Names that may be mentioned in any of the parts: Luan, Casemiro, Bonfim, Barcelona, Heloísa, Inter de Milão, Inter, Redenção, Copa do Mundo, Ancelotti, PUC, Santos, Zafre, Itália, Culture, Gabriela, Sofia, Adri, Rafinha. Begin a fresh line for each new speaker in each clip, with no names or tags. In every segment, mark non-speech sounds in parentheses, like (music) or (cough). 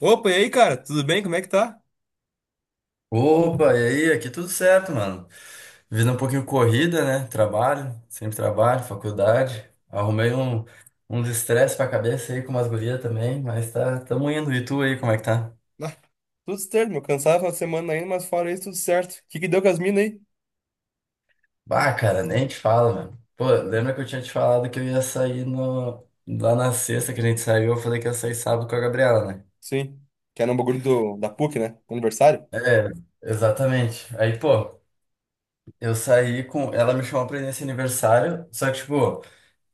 Opa, e aí, cara? Tudo bem? Como é que tá?
Opa, e aí? Aqui tudo certo, mano. Vida um pouquinho corrida, né? Trabalho, sempre trabalho, faculdade. Arrumei uns estresse pra cabeça aí com umas gurias também, mas tá, tamo indo. E tu aí, como é que tá?
Ah, tudo certo, meu. Cansado a semana ainda, mas fora isso, tudo certo. O que que deu com as minas aí?
Bah, cara, nem te falo, mano. Pô, lembra que eu tinha te falado que eu ia sair no, lá na sexta que a gente saiu? Eu falei que ia sair sábado com a Gabriela, né?
Sim. Que era um bagulho da PUC, né? Aniversário.
É, exatamente. Aí, pô, eu saí com. Ela me chamou pra ir nesse aniversário, só que, tipo.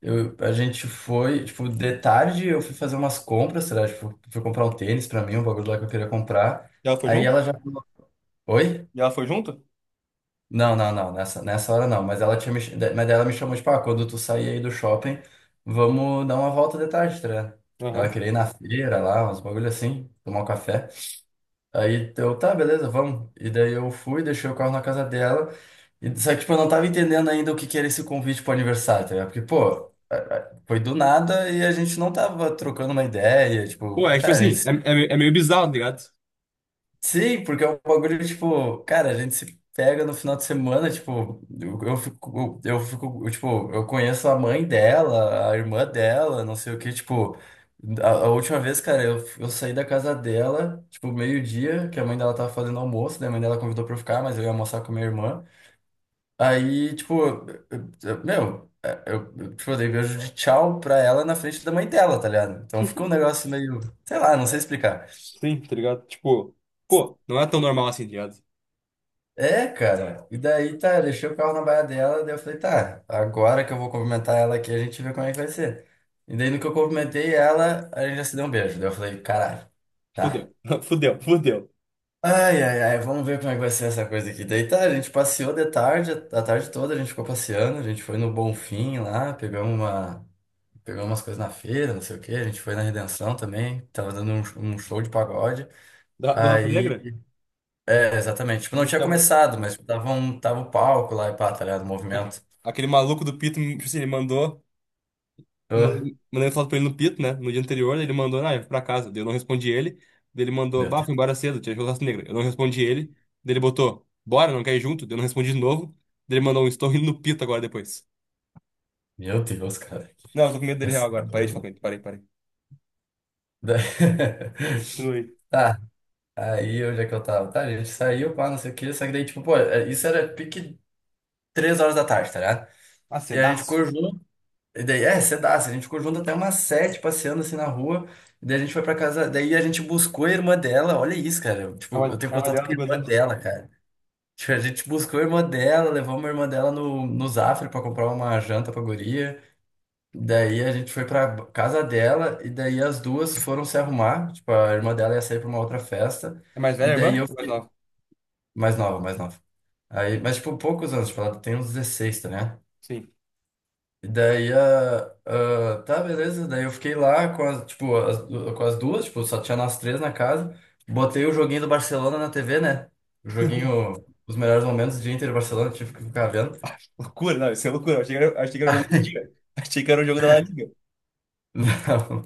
A gente foi, tipo, de tarde eu fui fazer umas compras, sei lá, tipo, fui comprar um tênis pra mim, um bagulho lá que eu queria comprar.
E ela foi
Aí ela
junto?
já falou, oi?
E ela foi junto?
Não, não, não, nessa hora não. Mas ela tinha me, mas daí ela me chamou, tipo, ah, quando tu sair aí do shopping, vamos dar uma volta de tarde, tá? Ligado? Ela
Aham.
queria ir na feira lá, uns bagulho assim, tomar um café. Aí eu, tá, beleza, vamos. E daí eu fui, deixei o carro na casa dela. Só que, tipo, eu não tava entendendo ainda o que que era esse convite pro aniversário, tá ligado? Porque, pô, foi do nada e a gente não tava trocando uma ideia. Tipo,
Pô, é que, tipo
cara, a
assim,
gente.
é meio bizarro, tá ligado?
Sim, porque é um bagulho, tipo, cara, a gente se pega no final de semana, tipo, eu fico, tipo, eu conheço a mãe dela, a irmã dela, não sei o que, tipo, a última vez, cara, eu saí da casa dela, tipo, meio-dia, que a mãe dela tava fazendo almoço, daí a mãe dela convidou pra eu ficar, mas eu ia almoçar com a minha irmã. Aí, tipo, meu, é, tipo, eu dei beijo de tchau pra ela na frente da mãe dela, tá ligado? Então ficou um negócio meio, sei lá, não sei explicar.
Sim, tá ligado? Tipo, pô, não é tão normal assim, tá ligado?
É, cara. E daí, tá, eu deixei o carro na baia dela, daí eu falei, tá, agora que eu vou cumprimentar ela aqui, a gente vê como é que vai ser. E daí, no que eu cumprimentei ela, a gente já se deu um beijo. Daí eu falei, caralho,
Fudeu,
tá.
(laughs) fudeu, fudeu.
Ai, ai, ai, vamos ver como é que vai ser essa coisa aqui. Daí tá, a gente passeou de tarde, a tarde toda a gente ficou passeando, a gente foi no Bonfim lá, pegamos umas coisas na feira, não sei o quê, a gente foi na Redenção também, tava dando um show de pagode.
Da, do Rafa
Aí
Negra?
é, exatamente. Tipo, não
Me
tinha
chama.
começado, mas tipo, tava o palco lá e pá, tá ligado? O
Aque-
movimento.
Aquele maluco do Pito, tipo assim, ele mandou.
Ah,
Mandei foto pra ele no Pito, né? No dia anterior, ele mandou, ah, eu fui pra casa. Daí eu não respondi ele. Daí ele mandou,
meu
bah, fui
Deus.
embora cedo, tinha churrasco negro. Eu não respondi ele. Daí ele botou, bora, não quer ir junto? Daí eu não respondi de novo. Daí ele mandou um, estou indo no Pito agora depois.
Meu Deus, cara. Que
Não, eu tô com medo dele real agora. Parei de falar
pensador.
com ele, parei, parei.
Da- (laughs)
Continue.
Tá, aí onde é que eu tava? Tá, a gente saiu, pá, não sei o que, só que daí, tipo, pô, é, isso era pique 3 horas da tarde, tá ligado?
Ah,
E a gente
cedaço.
ficou junto, e daí, é, cedaço, a gente ficou junto até umas sete, passeando assim na rua, e daí a gente foi pra casa, daí a gente buscou a irmã dela, olha isso, cara, tipo, eu tenho
É uma
contato
dela,
com a
tem quantos
irmã
anos?
dela, cara. Tipo, a gente buscou a irmã dela, levamos a irmã dela no Zafre pra comprar uma janta pra guria. Daí a gente foi pra casa dela e daí as duas foram se arrumar. Tipo, a irmã dela ia sair pra uma outra festa.
É mais
E
velha,
daí
irmã?
eu...
Ou mais nova?
Mais nova, mais nova. Aí, mas, tipo, poucos anos. Tipo, ela tem uns 16 tá, né?
Sim.
E daí, a ah tá, beleza. Daí eu fiquei lá com as, tipo, as, com as duas. Tipo, só tinha nós três na casa. Botei o joguinho do Barcelona na TV, né? O joguinho... Os melhores momentos do Inter e Barcelona, tive que ficar vendo.
Loucura, não, isso é loucura. Eu achei que era o jogo do dia. (laughs) Achei que era o jogo da La Liga.
(laughs) Não.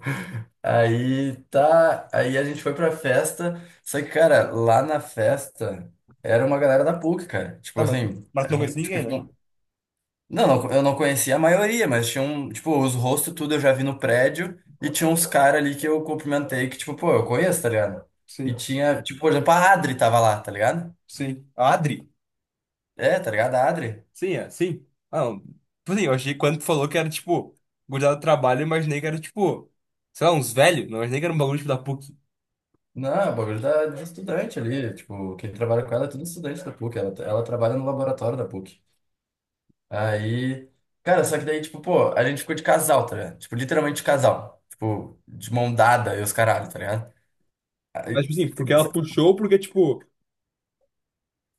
Aí tá, aí a gente foi pra festa, só que, cara, lá na festa era uma galera da PUC, cara. Tipo
Tá,
assim,
mas tu
era,
não conhece
tipo,
ninguém, né?
não, não, eu não conhecia a maioria, mas tinha um, tipo, os rostos tudo eu já vi no prédio e tinha uns caras ali que eu cumprimentei que, tipo, pô, eu conheço, tá ligado? E
Sim,
tinha, tipo, por exemplo, a Adri tava lá, tá ligado?
sim. A Adri?
É, tá ligado? A Adri.
Sim, é, sim. Ah, não. Tipo assim, eu achei que quando tu falou que era, tipo, gurizada do trabalho, eu imaginei que era, tipo, sei lá, uns velhos. Não imaginei que era um bagulho, tipo, da PUC.
Não, é o bagulho de estudante ali, tipo, quem trabalha com ela é tudo estudante da PUC, ela trabalha no laboratório da PUC. Aí, cara, só que daí, tipo, pô, a gente ficou de casal, tá ligado? Tipo, literalmente de casal. Tipo, de mão dada e os caralho, tá ligado?
Mas,
Aí,
tipo assim, porque ela puxou, porque, tipo...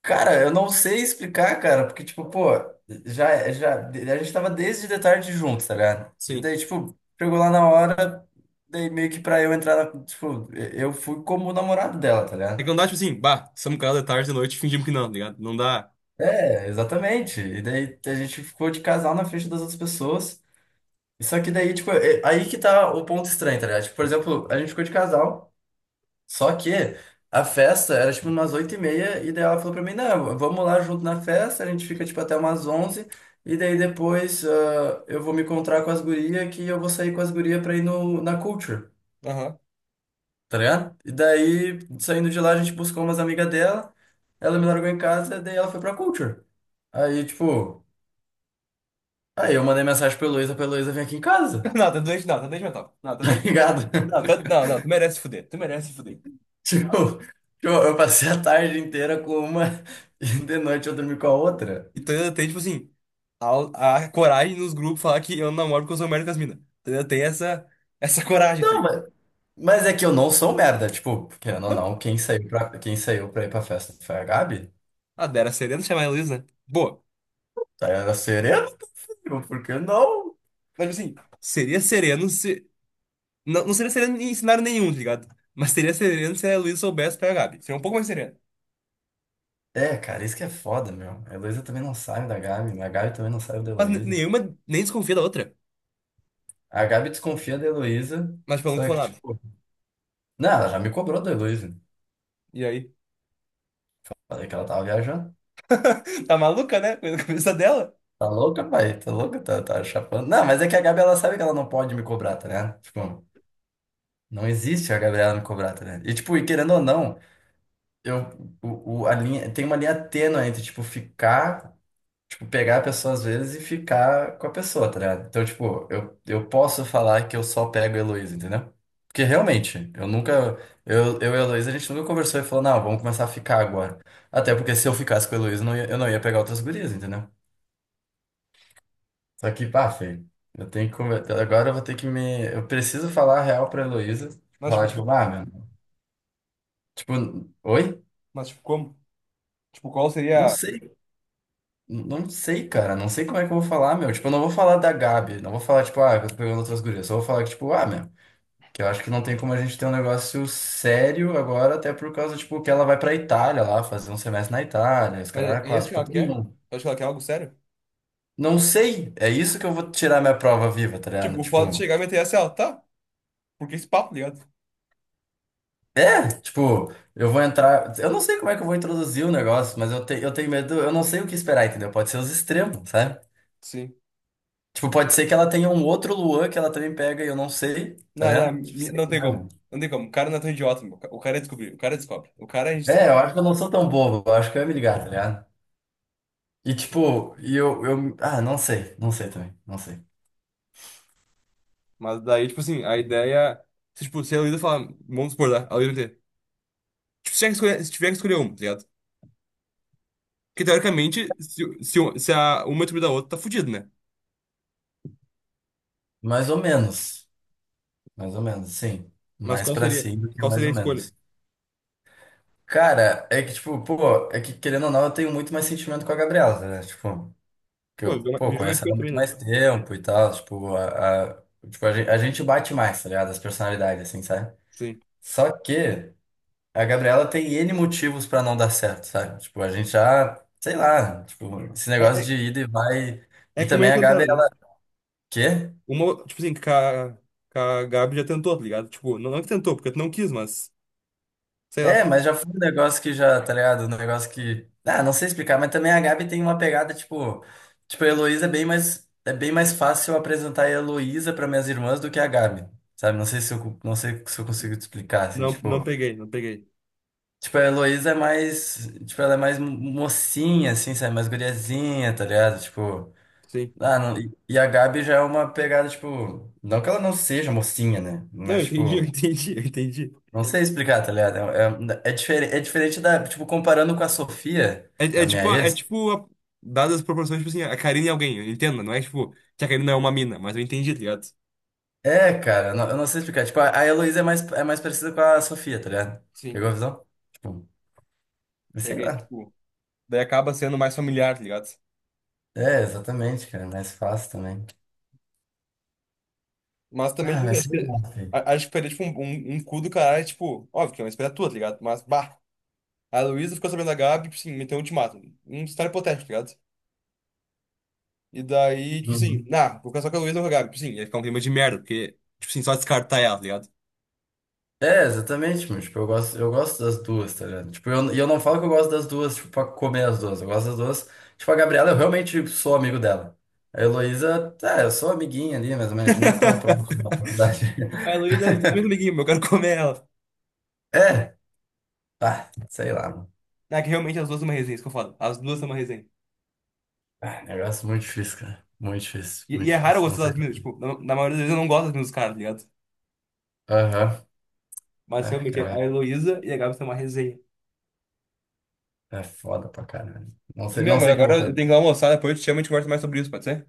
cara, eu não sei explicar, cara, porque, tipo, pô, já, a gente tava desde de tarde juntos, tá ligado? E
Sim.
daí, tipo, chegou lá na hora, daí meio que pra eu entrar, tipo, eu fui como o namorado dela, tá
É que
ligado?
não dá, tipo assim, bah, estamos em casa de tarde, de noite, fingimos que não, tá ligado? Não dá...
É, exatamente. E daí a gente ficou de casal na frente das outras pessoas. Só que daí, tipo, aí que tá o ponto estranho, tá ligado? Tipo, por exemplo, a gente ficou de casal, só que a festa era, tipo, umas 8:30, e daí ela falou pra mim, não, vamos lá junto na festa, a gente fica, tipo, até umas 11, e daí depois eu vou me encontrar com as gurias, que eu vou sair com as gurias pra ir no, na Culture,
Aham. (laughs)
tá ligado? E daí, saindo de lá, a gente buscou umas amigas dela, ela me largou em casa, daí ela foi pra Culture. Aí, tipo, aí eu mandei mensagem pra Heloísa vir aqui em casa,
Não, tá doente, não, tá doente mental. Não,
(laughs)
tá
tá
doente mental.
ligado?
Não, não, tu merece se fuder, tu merece se fuder.
(laughs)
Não.
Tipo, eu passei a tarde inteira com uma (laughs) e de noite eu dormi com a outra.
Então ainda tem, tipo assim, a coragem nos grupos falar que eu não namoro porque eu sou merda com as minas. Ainda tem essa, essa coragem, tá
Não,
ligado?
mas é que eu não sou merda. Tipo, querendo ou
Não.
não, quem saiu pra ir pra festa foi a Gabi.
Ah, era sereno chamar a Heloísa? Né? Boa.
Tá, era sereno, meu, por que não?
Mas assim, seria sereno se. Não, não seria sereno em cenário nenhum, tá ligado? Mas seria sereno se a Heloísa soubesse pegar a Gabi. Seria um pouco mais sereno.
É, cara, isso que é foda, meu. A Heloísa também não sabe da Gabi, a Gabi também não sabe da Heloísa.
Nenhuma nem desconfia da outra.
A Gabi desconfia da Heloísa,
Mas tipo, ela nunca
só que,
falou nada.
tipo, não, ela já me cobrou da Heloísa.
E aí?
Falei que ela tava viajando.
(laughs) Tá maluca, né? Coisa da cabeça dela.
Tá louca, pai? Tá louca? Tá, tá chapando. Não, mas é que a Gabi, ela sabe que ela não pode me cobrar, tá ligado? Tipo. Não existe a Gabriela Nicobrato, né? E, tipo, e querendo ou não, eu, a linha, tem uma linha tênue entre, tipo, ficar, tipo, pegar a pessoa às vezes e ficar com a pessoa, tá ligado? Então, tipo, eu posso falar que eu só pego a Heloísa, entendeu? Porque realmente, eu nunca, eu e a Heloísa, a gente nunca conversou e falou, não, vamos começar a ficar agora. Até porque se eu ficasse com a Heloísa, eu não ia pegar outras gurias, entendeu? Só que, pá, feio. Eu tenho que agora eu vou ter que me. Eu preciso falar a real pra Heloísa.
Mas tipo,
Falar, tipo,
co-
ah, meu. Tipo, oi?
mas, tipo, como? Tipo, qual
Não
seria.
sei, não sei, cara, não sei como é que eu vou falar, meu. Tipo, eu não vou falar da Gabi, não vou falar, tipo, ah, que eu tô pegando outras gurias. Só vou falar que, tipo, ah, meu, que eu acho que não tem como a gente ter um negócio sério agora, até por causa, tipo, que ela vai pra Itália lá, fazer um semestre na Itália, os
Mas é
caras
é isso
quatro.
que ela
Tipo, tem
quer?
um.
Eu acho que ela quer algo sério.
Não sei, é isso que eu vou tirar minha prova viva, tá ligado?
Tipo, o fato de
Tipo,
chegar e meter essa, ela, tá? Porque esse papo, tá ligado?
é, tipo, eu vou entrar. Eu não sei como é que eu vou introduzir o negócio, mas eu tenho medo, eu não sei o que esperar, entendeu? Pode ser os extremos, sabe?
Sim.
Tipo, pode ser que ela tenha um outro Luan que ela também pega e eu não sei, tá vendo? Tipo, sei
Não tem
lá, meu.
como. Não tem como. O cara não é tão idiota, meu. O cara descobriu. O cara descobre. O cara a gente
É,
descobre.
eu acho que eu não sou tão bobo, eu acho que eu ia me ligar, tá ligado? E tipo, e eu, eu. Ah, não sei, não sei também, não sei.
Mas daí, tipo assim, a ideia. Se, tipo, se a Luísa falar, vamos supor, tá? A Luísa vai ter. Tipo, se tiver que escolher, se tiver que escolher uma, tá ligado? Porque teoricamente, se a uma excluir da outra, tá fudido, né?
Mais ou menos, mais ou menos, sim.
Mas
Mais
qual
pra
seria?
sim do que
Qual
mais
seria a
ou
escolha?
menos. Cara, é que tipo, pô, é que querendo ou não, eu tenho muito mais sentimento com a Gabriela, tá ligado? Tipo, que
Pô,
eu, pô,
virou uma
conheço ela
escolha
há
também,
muito
né?
mais tempo e tal, tipo, tipo, a gente bate mais, tá ligado? As personalidades, assim, sabe?
Sim.
Só que. A Gabriela tem N motivos pra não dar certo, sabe? Tipo, a gente já, sei lá, tipo, esse
É,
negócio
é,
de ida e vai.
é
E
que uma
também
já
a
tentaram,
Gabi,
né?
ela. Quê?
Uma, tipo assim, que a Gabi já tentou, tá ligado? Tipo, não, não que tentou, porque tu não quis, mas. Sei
É,
lá.
mas já foi um negócio que já, tá ligado? Um negócio que. Ah, não sei explicar, mas também a Gabi tem uma pegada, tipo. Tipo, a Heloísa é bem mais. É bem mais fácil eu apresentar a Heloísa pra minhas irmãs do que a Gabi, sabe? Não sei se eu consigo te explicar, assim,
Não, não
tipo.
peguei, não peguei.
Tipo, a Heloísa é mais. Tipo, ela é mais mocinha, assim, sabe? Mais guriazinha, tá ligado? Tipo.
Sim.
Ah, não, e a Gabi já é uma pegada, tipo, não que ela não seja mocinha, né?
Não, eu
Mas,
entendi, (laughs) eu
tipo,
entendi, eu entendi.
não sei explicar, tá ligado? É diferente da, tipo, comparando com a Sofia,
É, é
a
tipo,
minha
é
ex.
tipo a- Dadas as proporções, tipo assim, a Karina e alguém, entenda, não é tipo que a Karina é uma mina, mas eu entendi, tá ligado?
É, cara, eu não sei explicar. Tipo, a Heloísa é mais parecida com a Sofia, tá ligado?
Sim.
Pegou a visão? Tipo, sei
Peguei,
lá.
tipo, daí acaba sendo mais familiar, tá ligado?
É, exatamente, cara, é mais fácil também.
Mas também,
Ah,
tipo, assim,
mas
acho
sei
que,
lá, filho.
acho que perder, tipo, um, um cu do caralho, tipo, óbvio que é uma escolha tua, tá ligado? Mas, bah, a Luísa ficou sabendo da Gabi, tipo assim, meteu um ultimato. Um cenário hipotético, tá ligado? E daí, tipo assim, nah, vou casar com a Luísa ou com a Gabi, tipo sim, assim. Ia ficar um clima de merda, porque, tipo assim, só descartar ela, tá ligado?
É, exatamente, mas, tipo, eu gosto das duas, tá ligado? Tipo, e eu não falo que eu gosto das duas, tipo, pra comer as duas. Eu gosto das duas. Tipo, a Gabriela, eu realmente sou amigo dela. A Heloísa, tá, eu sou amiguinha ali, mas não é tão próximo
(laughs)
da faculdade.
A
(laughs)
Luísa é um super amiguinho, eu quero comer ela.
É, ah, sei lá, mano.
É que realmente as duas são uma resenha, isso que eu falo. As duas são uma resenha.
Ah, negócio muito difícil, cara. Muito difícil, muito
E é raro eu
difícil. Não
gostar
sei.
das minas, tipo, na, na maioria das vezes eu não gosto das minas dos caras, tá ligado?
Aham.
Mas
Ah,
realmente a
cara,
Heloísa e a Gabi são uma resenha.
é foda pra caralho. Não sei,
Meu,
não
mano,
sei o que eu vou
agora eu
fazer.
tenho que almoçar, depois eu te chamo e a gente conversa mais sobre isso, pode ser?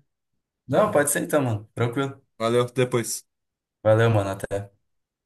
Não, pode ser então, mano. Tranquilo.
Valeu, até depois.
Valeu, mano. Até.